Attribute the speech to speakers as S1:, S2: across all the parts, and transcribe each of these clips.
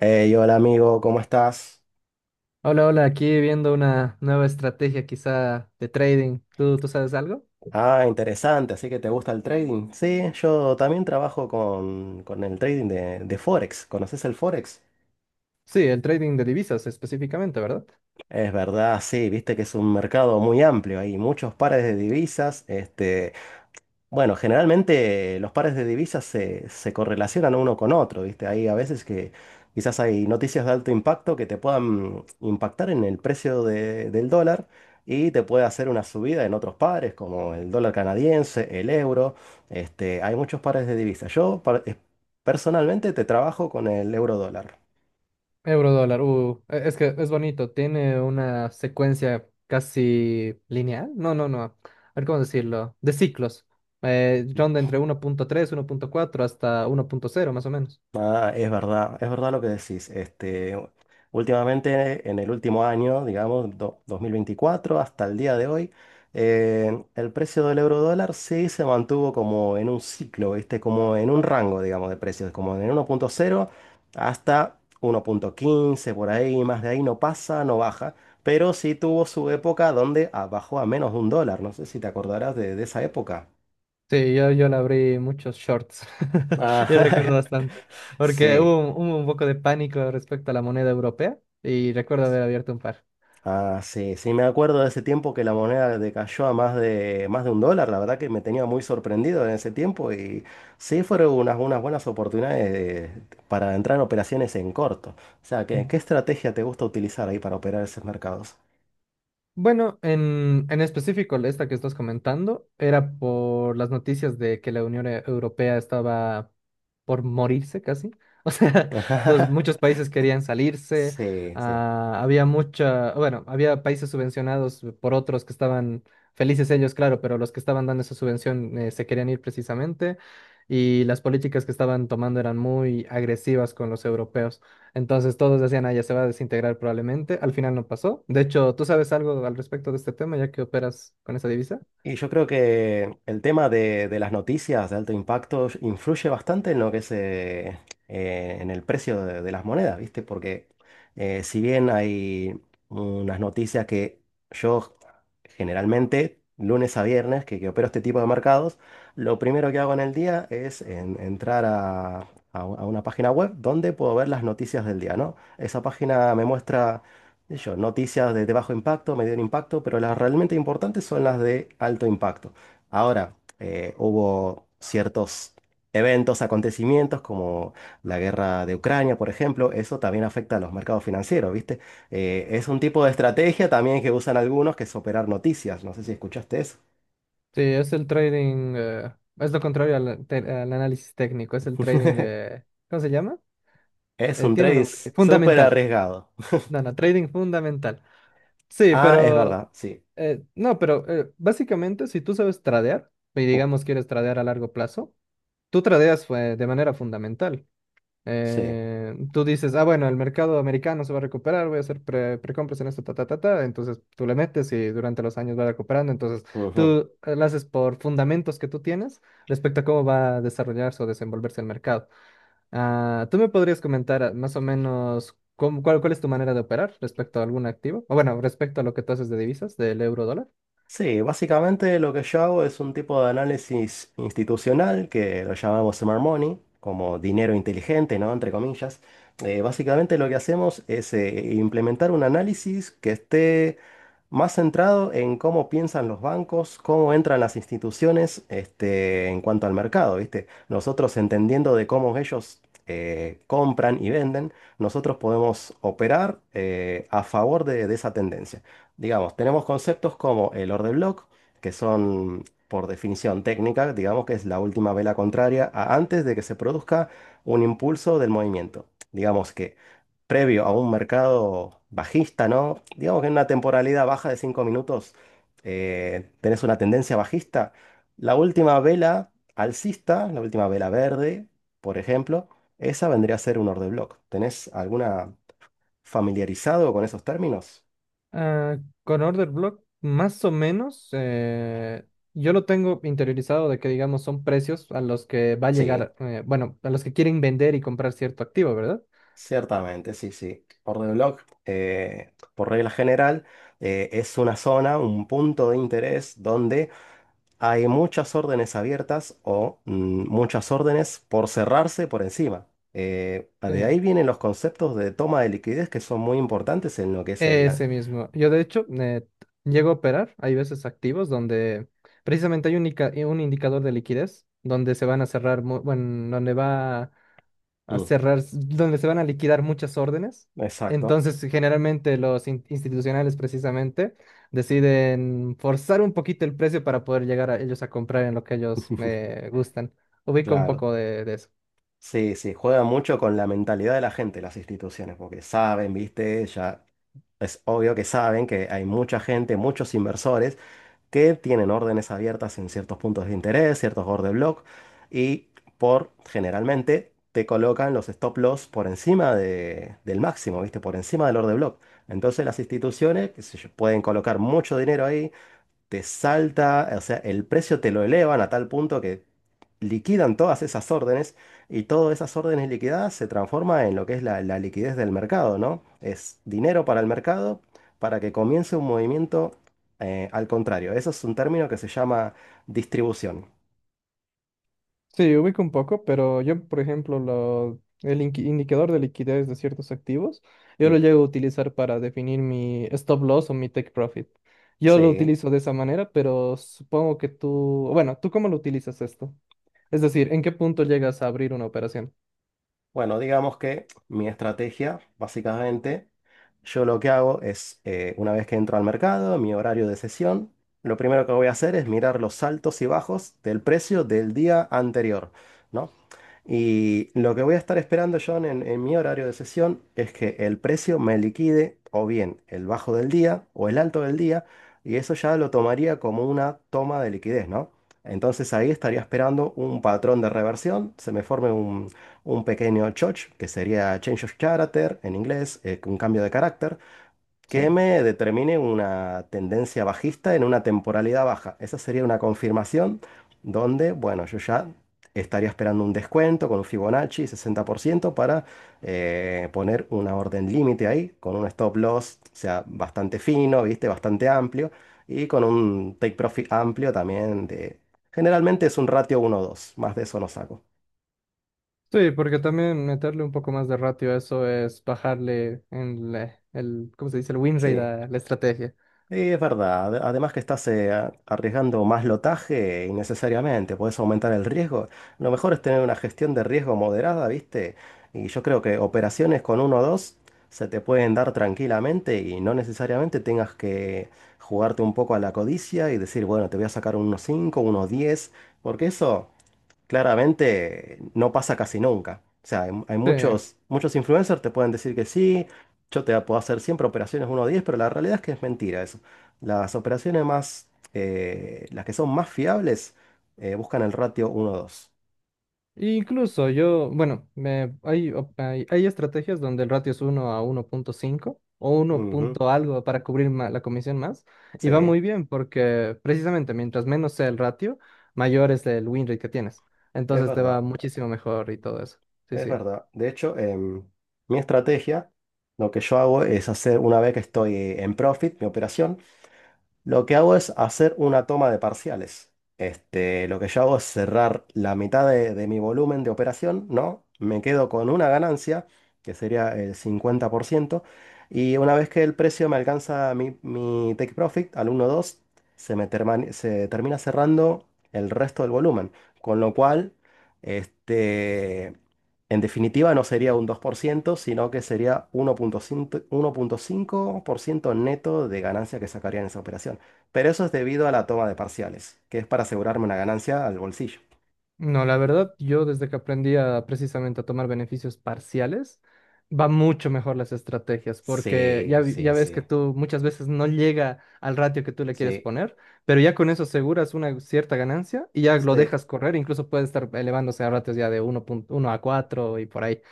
S1: Hey, hola amigo, ¿cómo estás?
S2: Hola, hola, aquí viendo una nueva estrategia quizá de trading. ¿¿Tú sabes algo?
S1: Ah, interesante, así que te gusta el trading. Sí, yo también trabajo con el trading de Forex. ¿Conoces el Forex?
S2: Sí, el trading de divisas específicamente, ¿verdad?
S1: Es verdad, sí, viste que es un mercado muy amplio, hay muchos pares de divisas. Bueno generalmente los pares de divisas se correlacionan uno con otro, ¿viste? Hay a veces que quizás hay noticias de alto impacto que te puedan impactar en el precio del dólar y te puede hacer una subida en otros pares, como el dólar canadiense, el euro. Hay muchos pares de divisas. Personalmente te trabajo con el euro dólar.
S2: Euro dólar, es que es bonito, tiene una secuencia casi lineal. No, no, no. A ver cómo decirlo. De ciclos. Ronda entre 1,3, 1,4 hasta 1,0 más o menos.
S1: Ah, es verdad lo que decís. Últimamente, en el último año, digamos, 2024 hasta el día de hoy, el precio del euro dólar sí se mantuvo como en un ciclo, ¿viste? Como en un rango, digamos, de precios, como en 1.0 hasta 1.15 por ahí, más de ahí no pasa, no baja. Pero sí tuvo su época donde bajó a menos de un dólar. No sé si te acordarás de esa época.
S2: Sí, yo le abrí muchos shorts. Yo
S1: Ah,
S2: recuerdo bastante. Porque
S1: sí.
S2: hubo un poco de pánico respecto a la moneda europea y recuerdo haber abierto un par.
S1: Ah, sí, sí, me acuerdo de ese tiempo que la moneda decayó a más de un dólar, la verdad que me tenía muy sorprendido en ese tiempo, y sí fueron unas buenas oportunidades para entrar en operaciones en corto. O sea, ¿qué estrategia te gusta utilizar ahí para operar esos mercados?
S2: Bueno, en específico, esta que estás comentando era por las noticias de que la Unión Europea estaba por morirse casi. O sea, los, muchos países querían salirse.
S1: Sí, sí.
S2: Ah, había mucha, bueno, había países subvencionados por otros que estaban felices ellos, claro, pero los que estaban dando esa subvención se querían ir precisamente. Y las políticas que estaban tomando eran muy agresivas con los europeos. Entonces todos decían, ah, ya se va a desintegrar probablemente. Al final no pasó. De hecho, ¿tú sabes algo al respecto de este tema ya que operas con esa divisa?
S1: Y yo creo que el tema de las noticias de alto impacto influye bastante en lo que es en el precio de las monedas, ¿viste? Porque si bien hay unas noticias que yo generalmente lunes a viernes, que opero este tipo de mercados, lo primero que hago en el día es entrar a una página web donde puedo ver las noticias del día, ¿no? Esa página me muestra, qué sé yo, noticias de bajo impacto, medio impacto, pero las realmente importantes son las de alto impacto. Ahora, hubo ciertos eventos, acontecimientos como la guerra de Ucrania, por ejemplo, eso también afecta a los mercados financieros, ¿viste? Es un tipo de estrategia también que usan algunos, que es operar noticias. No sé si escuchaste eso.
S2: Sí, es el trading, es lo contrario al análisis técnico, es el trading de, ¿cómo se llama?
S1: Es un
S2: Tiene un
S1: trade
S2: nombre, sí,
S1: súper
S2: fundamental.
S1: arriesgado.
S2: No, no, trading fundamental. Sí,
S1: Ah, es
S2: pero,
S1: verdad, sí.
S2: no, pero básicamente si tú sabes tradear, y
S1: Uh,
S2: digamos quieres tradear a largo plazo, tú tradeas de manera fundamental.
S1: sí.
S2: Tú dices, ah, bueno, el mercado americano se va a recuperar, voy a hacer precompras en esto, ta, ta, ta, ta. Entonces tú le metes y durante los años va recuperando. Entonces
S1: Ujú.
S2: tú lo haces por fundamentos que tú tienes respecto a cómo va a desarrollarse o desenvolverse el mercado. Ah, ¿tú me podrías comentar ah, más o menos cuál, cuál es tu manera de operar respecto a algún activo? O bueno, respecto a lo que tú haces de divisas, del euro dólar.
S1: Sí, básicamente lo que yo hago es un tipo de análisis institucional que lo llamamos smart money, como dinero inteligente, ¿no? Entre comillas. Básicamente lo que hacemos es implementar un análisis que esté más centrado en cómo piensan los bancos, cómo entran las instituciones, en cuanto al mercado, ¿viste? Nosotros entendiendo de cómo ellos compran y venden, nosotros podemos operar a favor de esa tendencia. Digamos, tenemos conceptos como el or de block, que son por definición técnica, digamos que es la última vela contraria a antes de que se produzca un impulso del movimiento. Digamos que previo a un mercado bajista, ¿no? Digamos que en una temporalidad baja de 5 minutos tenés una tendencia bajista. La última vela alcista, la última vela verde, por ejemplo, esa vendría a ser un or de block. ¿Tenés alguna familiarizado con esos términos?
S2: Ah, con Order Block, más o menos, yo lo tengo interiorizado de que, digamos, son precios a los que va a
S1: Sí.
S2: llegar, bueno, a los que quieren vender y comprar cierto activo, ¿verdad?
S1: Ciertamente, sí, sí. Orden de blog, por regla general, es una zona, un punto de interés donde hay muchas órdenes abiertas o muchas órdenes por cerrarse por encima. Eh,
S2: Sí.
S1: de ahí vienen los conceptos de toma de liquidez que son muy importantes en lo que es el.
S2: Ese mismo. Yo, de hecho, llego a operar, hay veces activos donde precisamente hay un indicador de liquidez, donde se van a cerrar, bueno, donde va a
S1: Mm,
S2: cerrar, donde se van a liquidar muchas órdenes.
S1: exacto.
S2: Entonces, generalmente los institucionales precisamente deciden forzar un poquito el precio para poder llegar a ellos a comprar en lo que ellos me gustan. Ubico un
S1: Claro,
S2: poco de eso.
S1: sí, sí, juegan mucho con la mentalidad de la gente, las instituciones, porque saben, viste, ya es obvio que saben que hay mucha gente, muchos inversores que tienen órdenes abiertas en ciertos puntos de interés, ciertos order block, y por generalmente te colocan los stop loss por encima del máximo, ¿viste? Por encima del order block. Entonces las instituciones, qué sé yo, pueden colocar mucho dinero ahí, te salta, o sea, el precio te lo elevan a tal punto que liquidan todas esas órdenes, y todas esas órdenes liquidadas se transforma en lo que es la liquidez del mercado, ¿no? Es dinero para el mercado para que comience un movimiento al contrario. Eso es un término que se llama distribución.
S2: Sí, ubico un poco, pero yo, por ejemplo, el indicador de liquidez de ciertos activos, yo lo
S1: Mm,
S2: llego a utilizar para definir mi stop loss o mi take profit. Yo lo
S1: sí.
S2: utilizo de esa manera, pero supongo que tú, bueno, ¿tú cómo lo utilizas esto? Es decir, ¿en qué punto llegas a abrir una operación?
S1: Bueno, digamos que mi estrategia, básicamente, yo lo que hago es, una vez que entro al mercado, mi horario de sesión, lo primero que voy a hacer es mirar los altos y bajos del precio del día anterior, ¿no? Y lo que voy a estar esperando, John, en mi horario de sesión es que el precio me liquide o bien el bajo del día o el alto del día, y eso ya lo tomaría como una toma de liquidez, ¿no? Entonces ahí estaría esperando un patrón de reversión, se me forme un pequeño choch, que sería change of character en inglés, un cambio de carácter,
S2: Sí.
S1: que me determine una tendencia bajista en una temporalidad baja. Esa sería una confirmación donde, bueno, yo ya estaría esperando un descuento con un Fibonacci 60% para poner una orden límite ahí, con un stop loss, o sea, bastante fino, ¿viste? Bastante amplio, y con un take profit amplio también de. Generalmente es un ratio uno dos, más de eso no saco.
S2: Sí, porque también meterle un poco más de ratio a eso es bajarle en el, ¿cómo se dice? El win rate
S1: Sí.
S2: a la estrategia.
S1: Sí, es verdad. Además, que estás arriesgando más lotaje innecesariamente, puedes aumentar el riesgo. Lo mejor es tener una gestión de riesgo moderada, ¿viste? Y yo creo que operaciones con uno o dos se te pueden dar tranquilamente y no necesariamente tengas que jugarte un poco a la codicia y decir, bueno, te voy a sacar unos 5, unos 10, porque eso claramente no pasa casi nunca. O sea, hay
S2: Sí.
S1: muchos, muchos influencers te pueden decir que sí, yo te puedo hacer siempre operaciones uno a 10, pero la realidad es que es mentira eso. Las operaciones las que son más fiables, buscan el ratio uno a dos.
S2: Incluso yo, bueno, me, hay, hay estrategias donde el ratio es 1 a 1,5 o uno
S1: Ujú,
S2: punto algo para cubrir la comisión más. Y va
S1: sí,
S2: muy bien porque precisamente mientras menos sea el ratio, mayor es el win rate que tienes.
S1: es
S2: Entonces te va
S1: verdad,
S2: muchísimo mejor y todo eso. Sí,
S1: es
S2: sí.
S1: verdad. De hecho, mi estrategia, lo que yo hago es hacer, una vez que estoy en profit, mi operación, lo que hago es hacer una toma de parciales. Lo que yo hago es cerrar la mitad de mi volumen de operación, ¿no? Me quedo con una ganancia, que sería el 50%, y una vez que el precio me alcanza mi take profit al uno dos, se termina cerrando el resto del volumen, con lo cual, este, en definitiva, no sería un 2%, sino que sería 1.5% neto de ganancia que sacaría en esa operación. Pero eso es debido a la toma de parciales, que es para asegurarme una ganancia al bolsillo.
S2: No, la verdad, yo desde que aprendí a, precisamente a tomar beneficios parciales, va mucho mejor las estrategias, porque
S1: Sí,
S2: ya, ya
S1: sí,
S2: ves que
S1: sí,
S2: tú muchas veces no llega al ratio que tú le quieres
S1: sí,
S2: poner, pero ya con eso aseguras una cierta ganancia y ya lo
S1: sí,
S2: dejas correr, incluso puede estar elevándose a ratios ya de 1,1 a 4 y por ahí.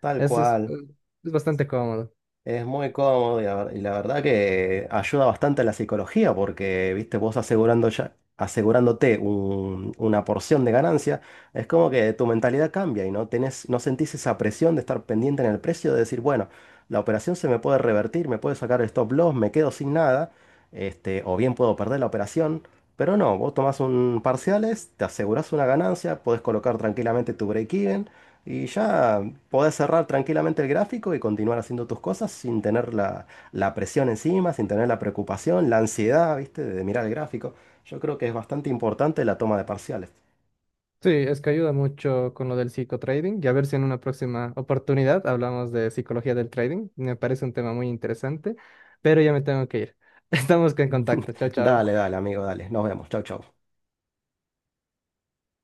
S1: tal
S2: Eso
S1: cual.
S2: es bastante cómodo.
S1: Es muy cómodo y y la verdad que ayuda bastante a la psicología porque, viste, vos asegurando ya, asegurándote una porción de ganancia, es como que tu mentalidad cambia y no tenés, no sentís esa presión de estar pendiente en el precio, de decir, bueno, la operación se me puede revertir, me puede sacar el stop loss, me quedo sin nada, o bien puedo perder la operación, pero no, vos tomás un parciales, te asegurás una ganancia, podés colocar tranquilamente tu break-even y ya podés cerrar tranquilamente el gráfico y continuar haciendo tus cosas sin tener la presión encima, sin tener la preocupación, la ansiedad, ¿viste? De mirar el gráfico. Yo creo que es bastante importante la toma de parciales.
S2: Sí, es que ayuda mucho con lo del psicotrading y a ver si en una próxima oportunidad hablamos de psicología del trading. Me parece un tema muy interesante, pero ya me tengo que ir. Estamos en contacto. Chao, chao.
S1: Dale, dale, amigo, dale. Nos vemos. Chau, chau.